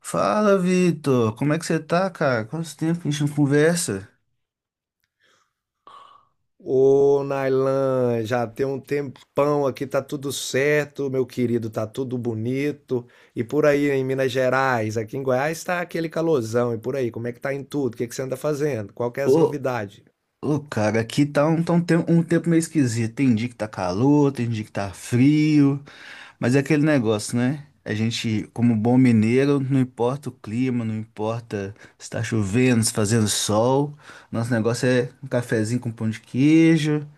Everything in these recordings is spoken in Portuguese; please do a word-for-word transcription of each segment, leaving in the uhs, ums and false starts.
Fala, Vitor. Como é que você tá, cara? Quanto tempo que a gente não conversa? Ô, Nailan, já tem um tempão aqui, tá tudo certo, meu querido, tá tudo bonito. E por aí em Minas Gerais, aqui em Goiás tá aquele calorzão, e por aí, como é que tá em tudo? O que é que você anda fazendo? Qual que é as Ô, novidades? ô, cara, aqui tá um, tá um tempo, um tempo meio esquisito. Tem dia que tá calor, tem dia que tá frio, mas é aquele negócio, né? A gente, como bom mineiro, não importa o clima, não importa se tá chovendo, se tá fazendo sol. Nosso negócio é um cafezinho com pão de queijo,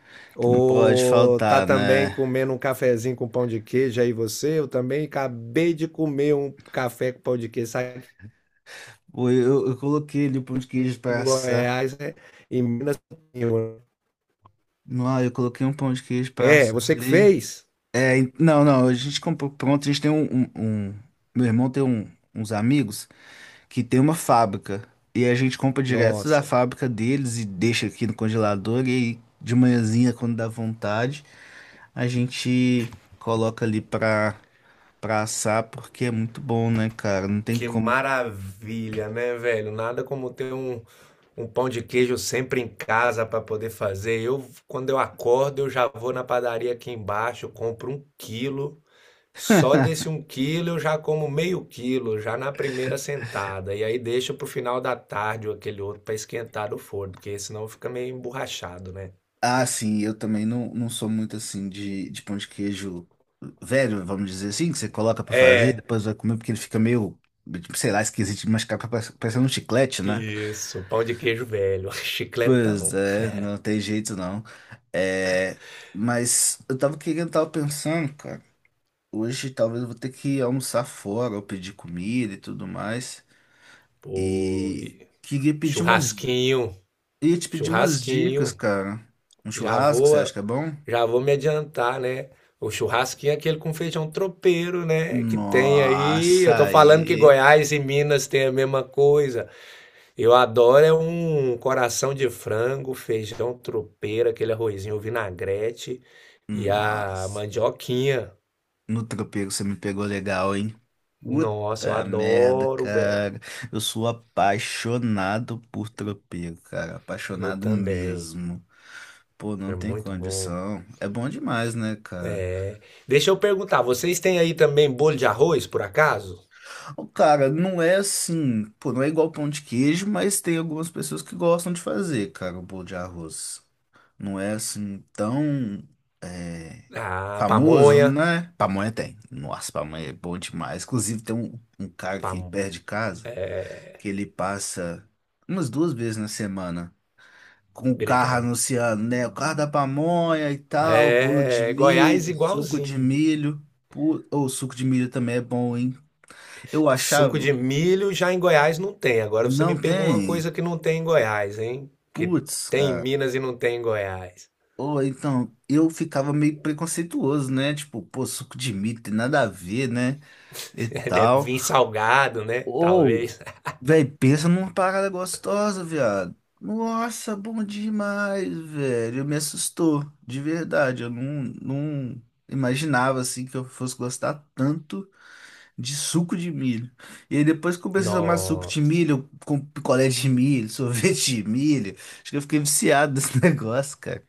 que não pode Ou tá faltar, também né? comendo um cafezinho com pão de queijo aí você? Eu também acabei de comer um café com pão de queijo, sabe que Pô, Eu, eu coloquei ali o pão de queijo em pra assar. Goiás, né? Em Minas. Não, eu coloquei um pão de queijo pra É, assar você que ali. fez? É, en- não, não, a gente comprou pronto. A gente tem um, um- um- meu irmão tem um- uns amigos que tem uma fábrica e a gente compra direto da Nossa. fábrica deles e deixa aqui no congelador. E aí de manhãzinha, quando dá vontade, a gente coloca ali pra, pra, assar, porque é muito bom, né, cara? Não tem Que como. maravilha, né, velho? Nada como ter um, um pão de queijo sempre em casa para poder fazer. Eu, quando eu acordo, eu já vou na padaria aqui embaixo, compro um quilo. Só desse um quilo eu já como meio quilo, já na primeira sentada. E aí deixo pro final da tarde ou aquele outro para esquentar do forno, porque senão fica meio emborrachado, né? Ah, sim, eu também não, não sou muito assim de, de pão de queijo velho, vamos dizer assim, que você coloca pra fazer, É, depois vai comer porque ele fica meio, tipo, sei lá, esquisito de mascar, parece- parecendo um chiclete, né? isso, pão de queijo velho, Pois chicletão. é, não tem jeito não. É, mas eu tava querendo, tava pensando, cara, hoje talvez eu vou ter que almoçar fora ou pedir comida e tudo mais. Pô, E e queria pedir umas, churrasquinho, ia te pedir umas dicas, churrasquinho. cara. Um Já churrasco, vou, você acha que é bom? já vou me adiantar, né? O churrasquinho é aquele com feijão tropeiro, né? Que tem aí. Eu Nossa, tô falando que aí. Goiás e Minas tem a mesma coisa. Eu adoro é um coração de frango, feijão tropeiro, aquele arrozinho vinagrete e a Nossa. mandioquinha. No tropeiro você me pegou legal, hein? Nossa, eu Puta merda, adoro, velho. cara. Eu sou apaixonado por tropeiro, cara. Eu Apaixonado também. mesmo. Pô, não É tem muito bom. condição. É bom demais, né, cara? Deixa eu perguntar, vocês têm aí também bolo de arroz, por acaso? Pô, cara, não é assim, pô, não é igual pão de queijo, mas tem algumas pessoas que gostam de fazer, cara, o bolo de arroz. Não é assim tão é, Ah, famoso, pamonha. né? Pamonha tem. Nossa, pamonha é bom demais. Inclusive, tem um, um cara aqui Pam... perto de casa que ele passa umas duas vezes na semana com o carro Gritando. anunciando, né? O carro da pamonha e tal, bolo de É, é, Goiás milho, suco de igualzinho. milho. Pô, ou suco de milho também é bom, hein? Eu Suco achava. de milho já em Goiás não tem. Agora você Não me pegou uma tem? coisa que não tem em Goiás, hein? Que Putz, tem em cara. Minas e não tem em Goiás. Ou então, eu ficava meio preconceituoso, né? Tipo, pô, suco de milho tem nada a ver, né? E Deve tal. vir salgado, né? Ou, Talvez. velho, pensa numa parada gostosa, viado. Nossa, bom demais, velho. Me assustou, de verdade. Eu não, não imaginava, assim, que eu fosse gostar tanto de suco de milho. E aí depois que eu comecei a tomar suco de Nossa. milho, com picolé de milho, sorvete de milho. Acho que eu fiquei viciado nesse negócio, cara.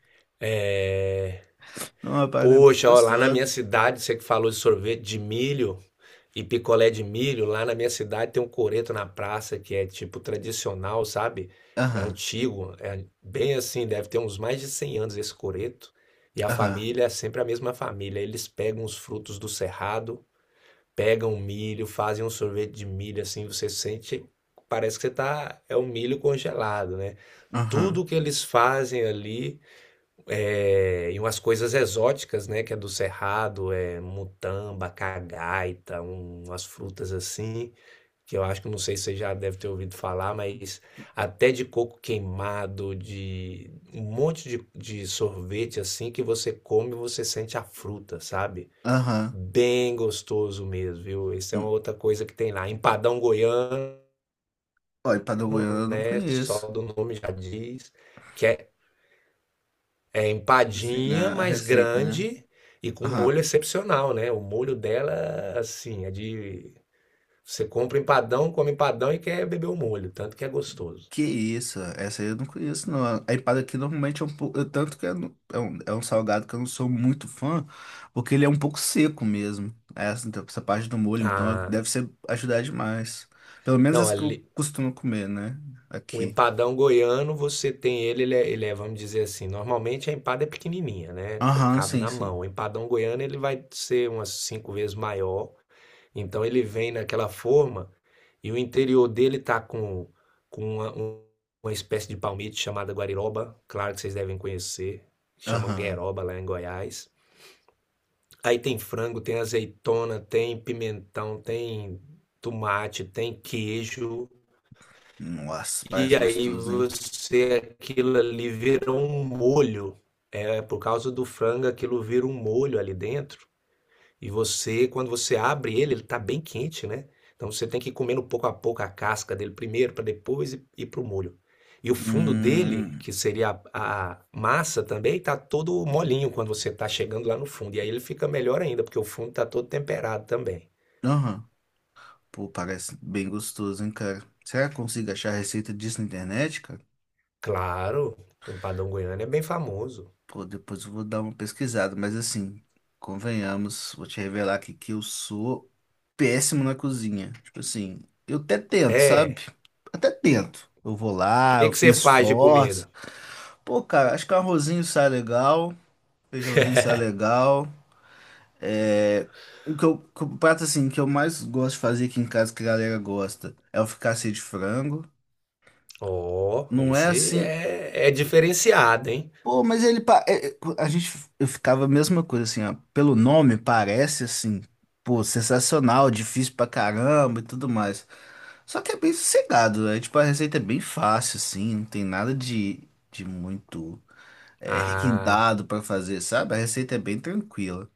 É uma parada muito Poxa, ó, lá na minha gostosa. cidade, você que falou de sorvete de milho e picolé de milho, lá na minha cidade tem um coreto na praça que é tipo tradicional, sabe? Aham, Antigo, é bem assim, deve ter uns mais de cem anos esse coreto. E a aham, família é sempre a mesma família. Eles pegam os frutos do cerrado, pegam o milho, fazem um sorvete de milho assim, você sente, parece que você tá, é um milho congelado, né? aham, Tudo que eles fazem ali é, e umas coisas exóticas, né? Que é do Cerrado, é mutamba, cagaita, um- umas frutas assim, que eu acho que não sei se você já deve ter ouvido falar, mas até de coco queimado, de um monte de, de sorvete assim que você come e você sente a fruta, sabe? aham. Bem gostoso mesmo, viu? Isso é Hum. uma outra coisa que tem lá. Empadão goiano, Olha, empadão goiano eu não né? Só conheço. do nome já diz. Que é é Assim, empadinha, a a mas receita, né? grande e com um Aham. molho excepcional, né? O molho dela, assim, é de. Você compra empadão, come empadão e quer beber o molho, tanto que é gostoso. Que isso, essa aí eu não conheço, não. A empada aqui normalmente é um pouco. Tanto que é, no- é um, é um salgado que eu não sou muito fã, porque ele é um pouco seco mesmo. Essa, então, essa parte do molho, então Ah, deve ser ajudar demais. Pelo menos não, as que eu ali, costumo comer, né? o Aqui. empadão goiano, você tem ele, ele é, ele é, vamos dizer assim, normalmente a empada é pequenininha, né? Co- Aham, Cabe sim, na sim. mão. O empadão goiano, ele vai ser umas cinco vezes maior. Então ele vem naquela forma e o interior dele tá com, com uma, um- uma espécie de palmito chamada guariroba, claro que vocês devem conhecer, chamam Aham. gueroba lá em Goiás. Aí tem frango, tem azeitona, tem pimentão, tem tomate, tem queijo. Nossa, parece E aí gostoso, hein? você, aquilo ali vira um molho. É, por causa do frango, aquilo vira um molho ali dentro. E você, quando você abre ele, ele está bem quente, né? Então você tem que ir comendo pouco a pouco a casca dele primeiro, para depois ir ir pro molho. E o fundo dele, Hum. que seria a, a massa também, tá todo molinho quando você tá chegando lá no fundo. E aí ele fica melhor ainda, porque o fundo tá todo temperado também. Aham. Pô, parece bem gostoso, hein, cara? Será que eu consigo achar a receita disso na internet, cara? Claro, o empadão goiano é bem famoso. Pô, depois eu vou dar uma pesquisada, mas assim, convenhamos, vou te revelar aqui que eu sou péssimo na cozinha. Tipo assim, eu até tento, sabe? É, Até tento. Eu vou o lá, que eu que me você faz de esforço. comida? Pô, cara, acho que um arrozinho sai legal, feijãozinho sai legal. É. O que eu, que o prato assim que eu mais gosto de fazer aqui em casa que a galera gosta é o fricassê de frango. Ó, Não é esse assim. é, é diferenciado, hein? Pô, mas ele... pa- é, é, a gente... Eu ficava a mesma coisa, assim, ó. Pelo nome, parece, assim, pô, sensacional, difícil pra caramba e tudo mais. Só que é bem sossegado, né? Tipo, a receita é bem fácil, assim, não tem nada de, de, muito é, Ah, requintado pra fazer, sabe? A receita é bem tranquila.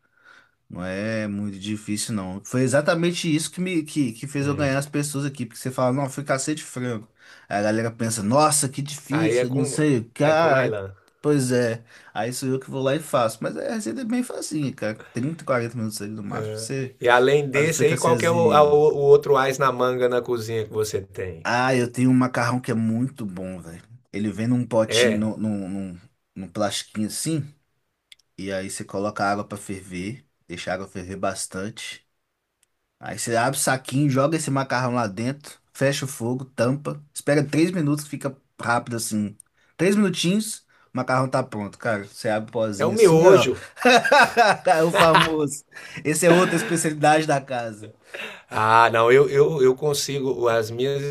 Não é muito difícil, não. Foi exatamente isso que me que, que fez eu ganhar hum. as pessoas aqui, porque você fala, não, foi cacete frango. Aí a galera pensa, nossa, que Aí é difícil, não com, sei o que. é com Ah, nylon. pois é, aí sou eu que vou lá e faço. Mas a receita é bem facinha, cara. Trinta quarenta minutos ali no máximo. Você E além faz o desse aí, qual que é o, a- fricassêzinho. o- o outro ás na manga na cozinha que você tem? Ah, eu tenho um macarrão que é muito bom, velho. Ele vem num potinho, É, num, num, num num plastiquinho assim, e aí você coloca a água pra ferver, deixa a água ferver bastante. Aí você abre o saquinho, joga esse macarrão lá dentro, fecha o fogo, tampa, espera três minutos, fica rápido assim. Três minutinhos, o macarrão tá pronto, cara. Você abre o é o pozinho assim, ó. miojo. O famoso. Esse é outra especialidade da casa. Ah, não, eu, eu, eu consigo, as minhas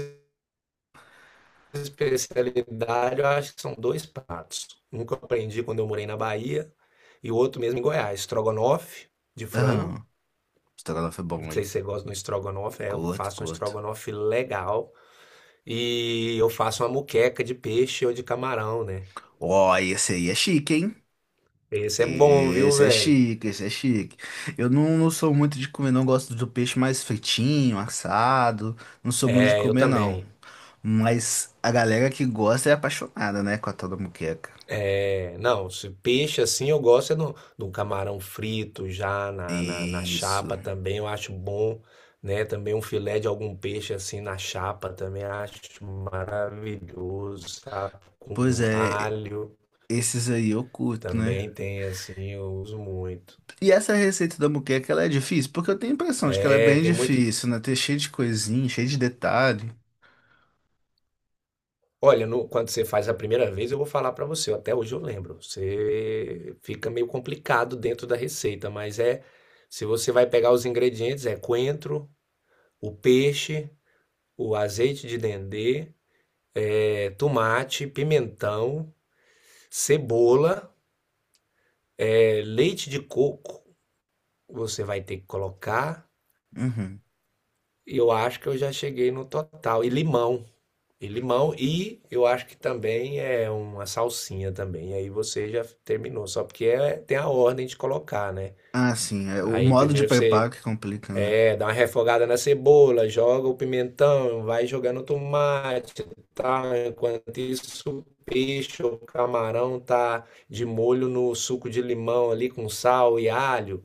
especialidades, eu acho que são dois pratos. Um que eu aprendi quando eu morei na Bahia e o outro mesmo em Goiás, estrogonofe de frango. Aham. Estrogonofe é Não bom, sei se hein? você gosta do estrogonofe, é, eu Curto, faço um curto. estrogonofe legal e eu faço uma muqueca de peixe ou de camarão, né? Ó, esse aí é chique, hein? Esse é bom, viu, Esse é velho? chique, esse é chique. Eu não, não sou muito de comer, não gosto do peixe mais fritinho, assado. Não sou muito de É, eu comer, não. também. Mas a galera que gosta é apaixonada, né, com a tal da moqueca. É, não, se peixe assim eu gosto é no, do camarão frito já na, na, na Isso. chapa também, eu acho bom, né? Também um filé de algum peixe assim na chapa também acho maravilhoso, sabe? Pois Com é, alho esses aí eu curto, né? também tem assim, eu uso muito. E essa receita da moqueca, ela é difícil? Porque eu tenho a impressão de que ela é É, bem tem muito. difícil, né? Tem cheio de coisinha, cheio de detalhe. Olha, no- quando você faz a primeira vez, eu vou falar pra você, até hoje eu lembro. Você fica meio complicado dentro da receita, mas é, se você vai pegar os ingredientes, é coentro, o peixe, o azeite de dendê, é, tomate, pimentão, cebola, é, leite de coco. Você vai ter que colocar. Uhum. Eu acho que eu já cheguei no total. E limão. E limão. E eu acho que também é uma salsinha também. Aí você já terminou. Só porque é- tem a ordem de colocar, né? Ah, sim, é o Aí modo de primeiro preparo você que complica, né? é, dá uma refogada na cebola, joga o pimentão, vai jogando o tomate, tá? Enquanto isso, o peixe ou camarão tá de molho no suco de limão ali com sal e alho,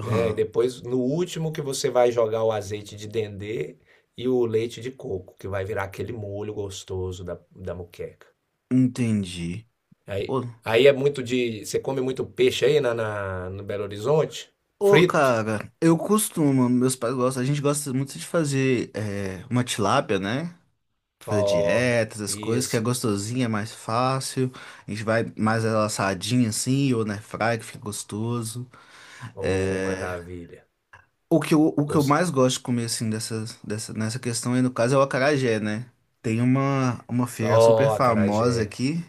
né? E depois, no último que você vai jogar o azeite de dendê e o leite de coco, que vai virar aquele molho gostoso da, da moqueca. Entendi. Aí, Ô, aí é muito de... Você come muito peixe aí na, na- no Belo Horizonte? ô, Frito? cara, eu costumo, meus pais gostam, a gente gosta muito de fazer é, uma tilápia, né? Fazer Ó, dieta, essas coisas, que é isso. gostosinha, é mais fácil. A gente vai mais ela assadinha assim, ou na fry, que fica gostoso. Ô, É. maravilha. O que eu, o que eu Gosto. mais gosto de comer, assim, dessas, dessa, nessa questão aí, no caso, é o acarajé, né? Tem uma, uma, feira super Oh, famosa acarajé. aqui,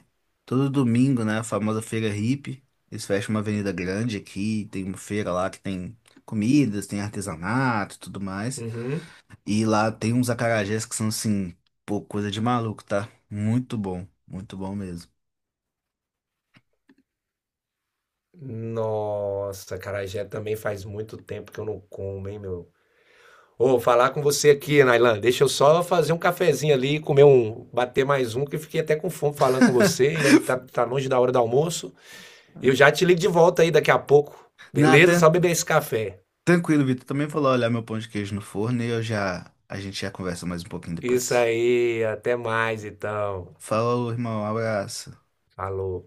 todo domingo, né? A famosa feira hippie. Eles fecham uma avenida grande aqui, tem uma feira lá que tem comidas, tem artesanato e tudo mais. Uhum. E lá tem uns acarajés que são assim, pô, coisa de maluco, tá? Muito bom, muito bom mesmo. Nossa, acarajé também faz muito tempo que eu não como, hein, meu? Ô, falar com você aqui, Nailan. Deixa eu só fazer um cafezinho ali, comer um, bater mais um, que eu fiquei até com fome falando com você. Ainda não tá, tá longe da hora do almoço. Eu já te ligo de volta aí daqui a pouco. Não, Beleza? tran- Só beber esse café. tranquilo, Vitor. Também vou lá olhar meu pão de queijo no forno e eu já, a gente já conversa mais um pouquinho Isso depois. aí, até mais então. Falou, irmão, abraço. Falou.